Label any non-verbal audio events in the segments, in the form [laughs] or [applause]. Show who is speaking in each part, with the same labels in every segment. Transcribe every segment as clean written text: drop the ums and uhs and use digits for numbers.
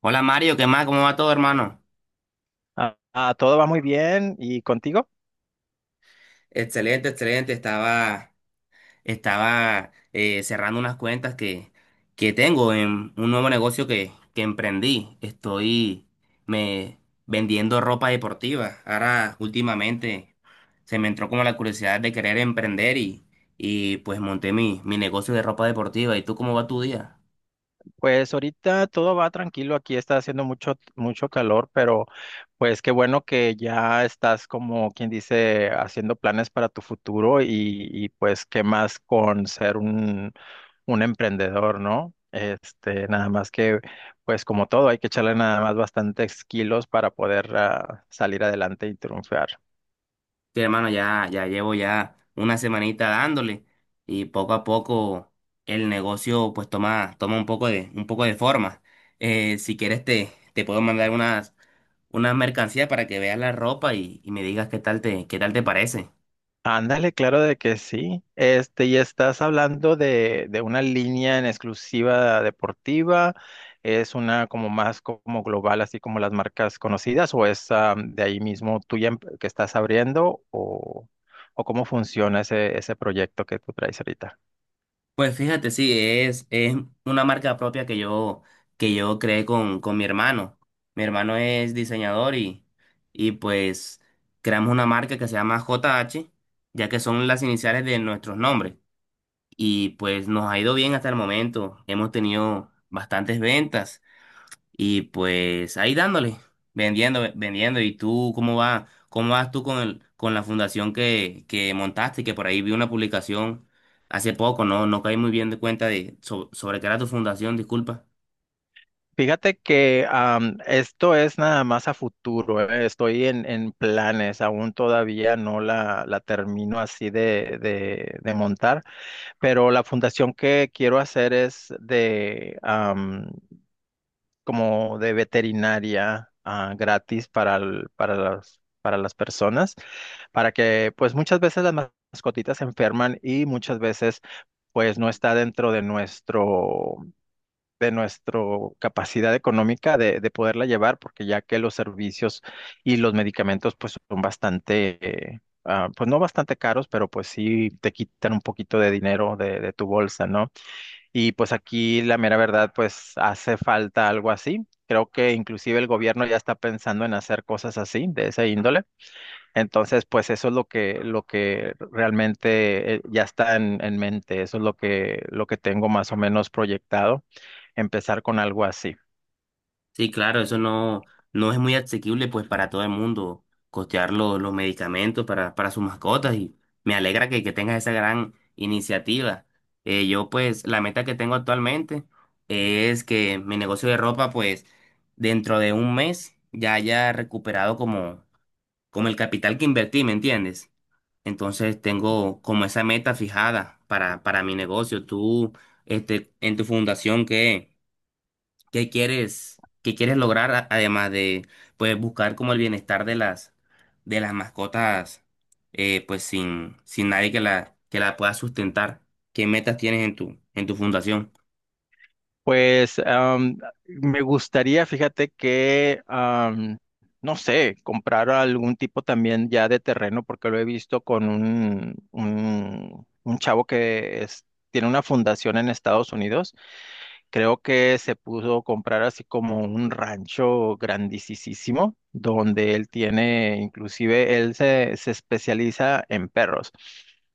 Speaker 1: Hola Mario, ¿qué más? ¿Cómo va todo, hermano?
Speaker 2: Ah, todo va muy bien. ¿Y contigo?
Speaker 1: Excelente, excelente. Estaba cerrando unas cuentas que tengo en un nuevo negocio que emprendí. Estoy me vendiendo ropa deportiva. Ahora, últimamente, se me entró como la curiosidad de querer emprender y pues monté mi negocio de ropa deportiva. ¿Y tú cómo va tu día?
Speaker 2: Pues ahorita todo va tranquilo. Aquí está haciendo mucho, mucho calor, pero pues qué bueno que ya estás como quien dice haciendo planes para tu futuro y pues qué más con ser un emprendedor, ¿no? Este, nada más que pues como todo hay que echarle nada más bastantes kilos para poder salir adelante y triunfar.
Speaker 1: Sí, hermano, ya llevo ya una semanita dándole y poco a poco el negocio pues toma un poco un poco de forma. Si quieres te puedo mandar unas, unas mercancías para que veas la ropa y me digas qué tal qué tal te parece.
Speaker 2: Ándale, claro de que sí. Este, y estás hablando de una línea en exclusiva deportiva, es una como más como global, así como las marcas conocidas, o es de ahí mismo tuya que estás abriendo, o cómo funciona ese proyecto que tú traes ahorita.
Speaker 1: Pues fíjate, sí, es una marca propia que yo creé con mi hermano. Mi hermano es diseñador y pues creamos una marca que se llama JH, ya que son las iniciales de nuestros nombres. Y pues nos ha ido bien hasta el momento. Hemos tenido bastantes ventas y pues ahí dándole, vendiendo, vendiendo. ¿Y tú cómo va? ¿Cómo vas tú con el, con la fundación que montaste? Que por ahí vi una publicación hace poco, no caí muy bien de cuenta de sobre qué era tu fundación, disculpa.
Speaker 2: Fíjate que esto es nada más a futuro, estoy en planes, aún todavía no la termino así de montar. Pero la fundación que quiero hacer es de como de veterinaria gratis para las personas, para que pues muchas veces las mascotitas se enferman y muchas veces pues no está dentro de nuestro capacidad económica de poderla llevar, porque ya que los servicios y los medicamentos pues son bastante, pues no bastante caros, pero pues sí te quitan un poquito de dinero de tu bolsa, ¿no? Y pues aquí la mera verdad, pues hace falta algo así. Creo que inclusive el gobierno ya está pensando en hacer cosas así, de esa índole. Entonces, pues eso es lo que realmente ya está en mente. Eso es lo que tengo más o menos proyectado, empezar con algo así.
Speaker 1: Sí, claro, eso no es muy asequible pues para todo el mundo costear los medicamentos para sus mascotas y me alegra que tengas esa gran iniciativa. Yo pues la meta que tengo actualmente es que mi negocio de ropa pues dentro de un mes ya haya recuperado como, como el capital que invertí, ¿me entiendes? Entonces tengo como esa meta fijada para mi negocio. Tú, este, en tu fundación, ¿qué? Qué quieres lograr además de pues buscar como el bienestar de las mascotas pues sin sin nadie que la que la pueda sustentar? ¿Qué metas tienes en tu fundación?
Speaker 2: Pues me gustaría, fíjate que, no sé, comprar algún tipo también ya de terreno, porque lo he visto con un chavo tiene una fundación en Estados Unidos. Creo que se pudo comprar así como un rancho grandisísimo, donde él tiene, inclusive él se especializa en perros.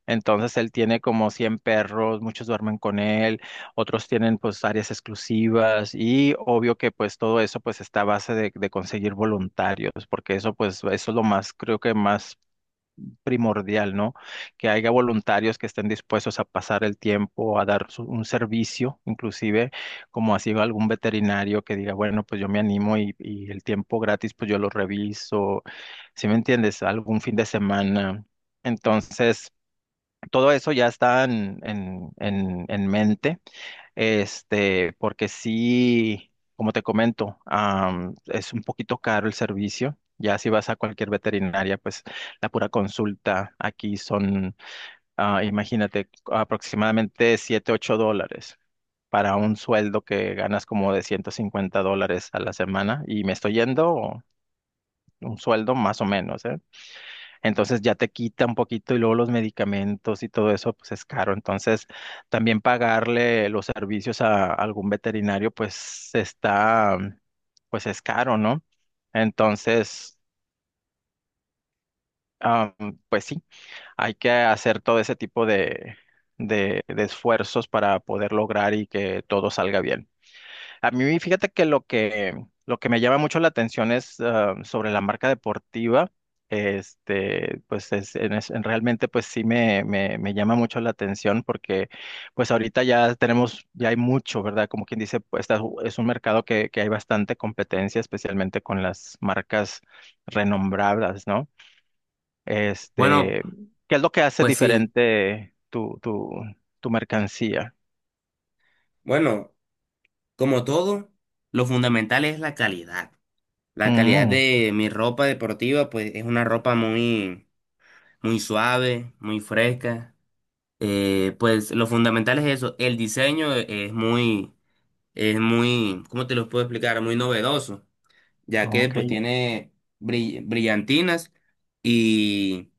Speaker 2: Entonces él tiene como 100 perros, muchos duermen con él, otros tienen pues áreas exclusivas y obvio que pues todo eso pues está a base de conseguir voluntarios, porque eso pues eso es lo más, creo que más primordial, ¿no? Que haya voluntarios que estén dispuestos a pasar el tiempo, a dar un servicio, inclusive como así algún veterinario que diga, bueno, pues yo me animo y el tiempo gratis, pues yo lo reviso, ¿sí me entiendes? Algún fin de semana. Entonces, todo eso ya está en mente. Este, porque sí, como te comento, es un poquito caro el servicio. Ya si vas a cualquier veterinaria, pues la pura consulta aquí son, imagínate, aproximadamente 7 u 8 dólares para un sueldo que ganas como de $150 a la semana. Y me estoy yendo un sueldo más o menos, ¿eh? Entonces ya te quita un poquito y luego los medicamentos y todo eso, pues es caro. Entonces también pagarle los servicios a algún veterinario, pues está, pues es caro, ¿no? Entonces, am, pues sí, hay que hacer todo ese tipo de esfuerzos para poder lograr y que todo salga bien. A mí, fíjate que lo que me llama mucho la atención es sobre la marca deportiva. Este, pues en realmente pues sí me llama mucho la atención porque pues ahorita ya tenemos, ya hay mucho, ¿verdad? Como quien dice, pues es un mercado que hay bastante competencia, especialmente con las marcas renombradas, ¿no?
Speaker 1: Bueno,
Speaker 2: Este, ¿qué es lo que hace
Speaker 1: pues sí.
Speaker 2: diferente tu mercancía?
Speaker 1: Bueno, como todo, lo fundamental es la calidad. La calidad
Speaker 2: Mm,
Speaker 1: de mi ropa deportiva pues es una ropa muy muy suave, muy fresca. Pues lo fundamental es eso. El diseño es muy, ¿cómo te lo puedo explicar? Muy novedoso, ya que
Speaker 2: ok.
Speaker 1: pues tiene brillantinas y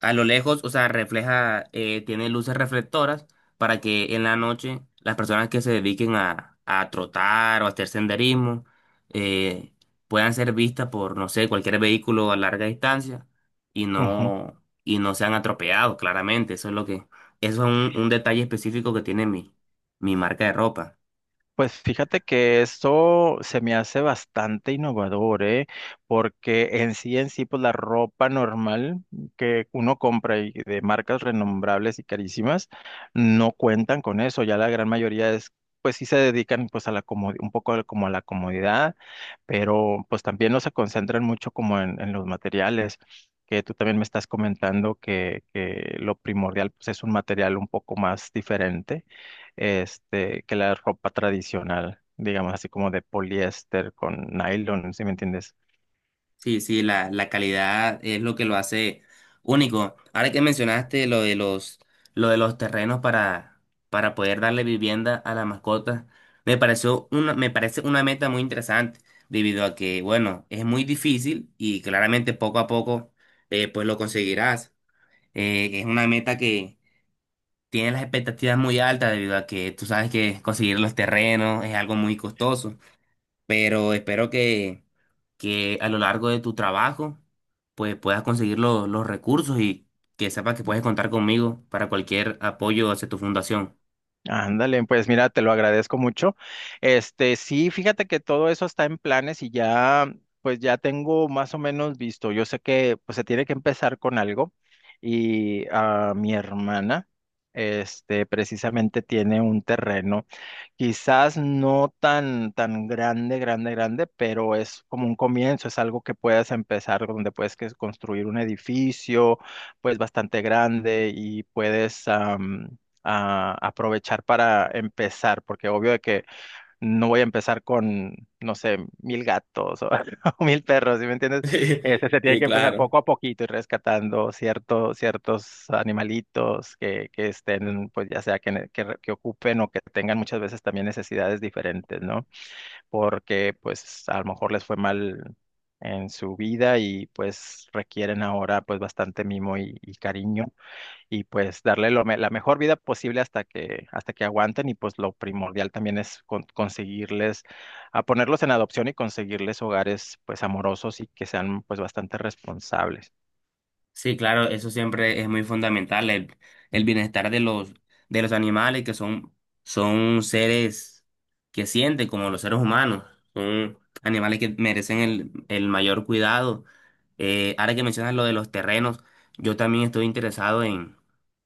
Speaker 1: a lo lejos, o sea, refleja, tiene luces reflectoras para que en la noche las personas que se dediquen a trotar o a hacer senderismo eh, puedan ser vistas por, no sé, cualquier vehículo a larga distancia y no sean atropellados, claramente. Eso es un detalle específico que tiene mi, mi marca de ropa.
Speaker 2: Pues fíjate que esto se me hace bastante innovador, ¿eh? Porque en sí, pues la ropa normal que uno compra y de marcas renombrables y carísimas no cuentan con eso. Ya la gran mayoría es, pues sí se dedican pues a la como un poco como a la comodidad, pero pues también no se concentran mucho como en los materiales. Que tú también me estás comentando que lo primordial pues, es un material un poco más diferente este, que la ropa tradicional, digamos así como de poliéster con nylon, ¿sí me entiendes?
Speaker 1: Sí, sí, la calidad es lo que lo hace único. Ahora que mencionaste lo de los terrenos para poder darle vivienda a las mascotas, me parece una meta muy interesante, debido a que, bueno, es muy difícil y claramente poco a poco pues lo conseguirás. Es una meta que tiene las expectativas muy altas, debido a que tú sabes que conseguir los terrenos es algo muy costoso, pero espero que a lo largo de tu trabajo, pues puedas conseguir los recursos y que sepas que puedes contar conmigo para cualquier apoyo hacia tu fundación. [laughs]
Speaker 2: Ándale, pues mira, te lo agradezco mucho. Este, sí, fíjate que todo eso está en planes y ya, pues ya tengo más o menos visto. Yo sé que pues se tiene que empezar con algo y a mi hermana, este, precisamente tiene un terreno. Quizás no tan, tan grande, grande, grande, pero es como un comienzo, es algo que puedes empezar, donde puedes construir un edificio, pues bastante grande y puedes aprovechar para empezar, porque obvio de que no voy a empezar con, no sé, mil gatos o, [laughs] o mil perros, ¿sí me entiendes?
Speaker 1: Sí,
Speaker 2: Este, se tienen
Speaker 1: sí,
Speaker 2: que empezar
Speaker 1: claro.
Speaker 2: poco a poquito y rescatando ciertos animalitos que estén, pues ya sea que ocupen o que tengan muchas veces también necesidades diferentes, ¿no? Porque pues a lo mejor les fue mal en su vida y pues requieren ahora pues bastante mimo y cariño y pues darle la mejor vida posible hasta que aguanten y pues lo primordial también es conseguirles, a ponerlos en adopción y conseguirles hogares pues amorosos y que sean pues bastante responsables.
Speaker 1: Sí, claro, eso siempre es muy fundamental, el bienestar de los animales que son, son seres que sienten como los seres humanos, son animales que merecen el mayor cuidado. Ahora que mencionas lo de los terrenos, yo también estoy interesado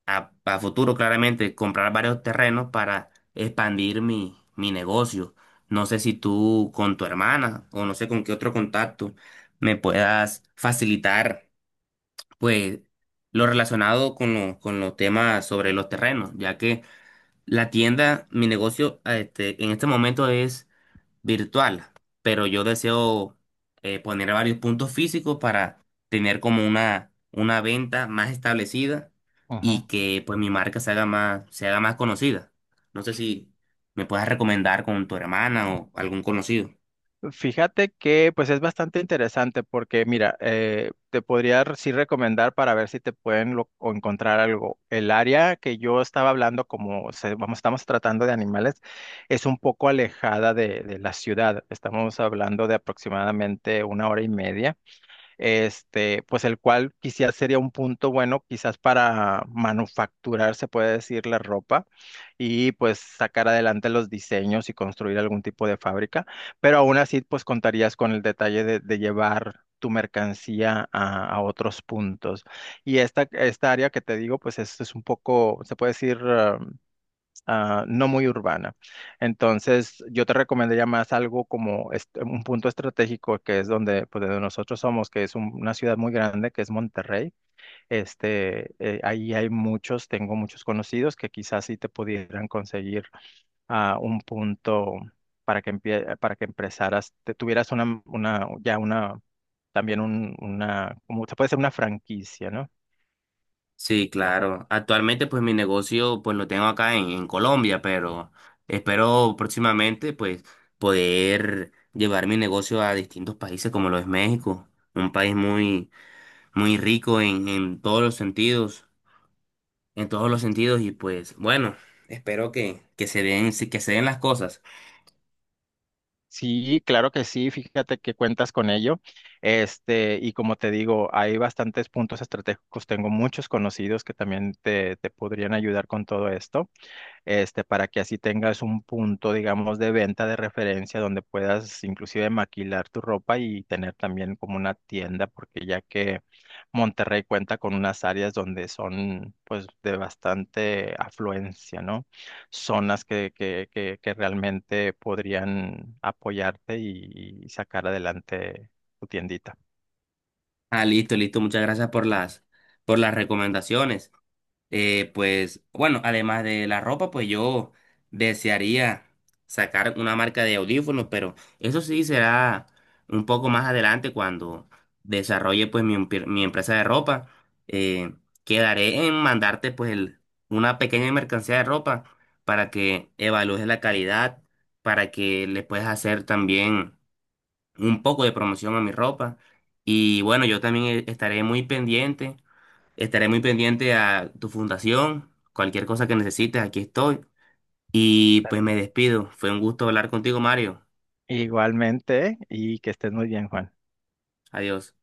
Speaker 1: a futuro claramente, comprar varios terrenos para expandir mi, mi negocio. No sé si tú con tu hermana o no sé con qué otro contacto me puedas facilitar. Pues lo relacionado con, lo- con los temas sobre los terrenos, ya que la tienda, mi negocio en este momento es virtual, pero yo deseo poner varios puntos físicos para tener como una venta más establecida y que pues mi marca se haga más conocida. No sé si me puedes recomendar con tu hermana o algún conocido.
Speaker 2: Fíjate que pues es bastante interesante porque mira, te podría sí recomendar para ver si te pueden o encontrar algo. El área que yo estaba hablando, como vamos, estamos tratando de animales, es un poco alejada de la ciudad. Estamos hablando de aproximadamente 1 hora y media este, pues el cual quizás sería un punto bueno, quizás para manufacturar, se puede decir, la ropa y pues sacar adelante los diseños y construir algún tipo de fábrica, pero aún así pues contarías con el detalle de llevar tu mercancía a otros puntos. Y esta área que te digo, pues es un poco, se puede decir, no muy urbana. Entonces, yo te recomendaría más algo como un punto estratégico que es donde, pues, de donde nosotros somos, que es una ciudad muy grande, que es Monterrey. Este, ahí hay muchos, tengo muchos conocidos que quizás sí te pudieran conseguir un punto para que para que empezaras, te tuvieras una, ya una, también un, una, como se puede ser una franquicia, ¿no?
Speaker 1: Sí, claro. Actualmente, pues mi negocio, pues lo tengo acá en Colombia, pero espero próximamente, pues, poder llevar mi negocio a distintos países como lo es México, un país muy, muy rico en todos los sentidos, en todos los sentidos, y pues, bueno, espero que se den las cosas.
Speaker 2: Sí, claro que sí, fíjate que cuentas con ello. Este, y como te digo, hay bastantes puntos estratégicos, tengo muchos conocidos que también te podrían ayudar con todo esto este, para que así tengas un punto, digamos, de venta de referencia donde puedas inclusive maquilar tu ropa y tener también como una tienda, porque ya que Monterrey cuenta con unas áreas donde son pues de bastante afluencia, ¿no? Zonas que realmente podrían apoyarte y sacar adelante tu tiendita.
Speaker 1: Ah, listo, listo. Muchas gracias por las recomendaciones. Pues bueno, además de la ropa, pues yo desearía sacar una marca de audífonos, pero eso sí será un poco más adelante cuando desarrolle pues mi, mi empresa de ropa. Eh, Quedaré en mandarte pues una pequeña mercancía de ropa para que evalúes la calidad, para que le puedas hacer también un poco de promoción a mi ropa. Y bueno, yo también estaré muy pendiente Estaré Muy pendiente a tu fundación, cualquier cosa que necesites, aquí estoy. Y pues me
Speaker 2: Perfecto.
Speaker 1: despido. Fue un gusto hablar contigo, Mario.
Speaker 2: Igualmente, y que estés muy bien, Juan.
Speaker 1: Adiós.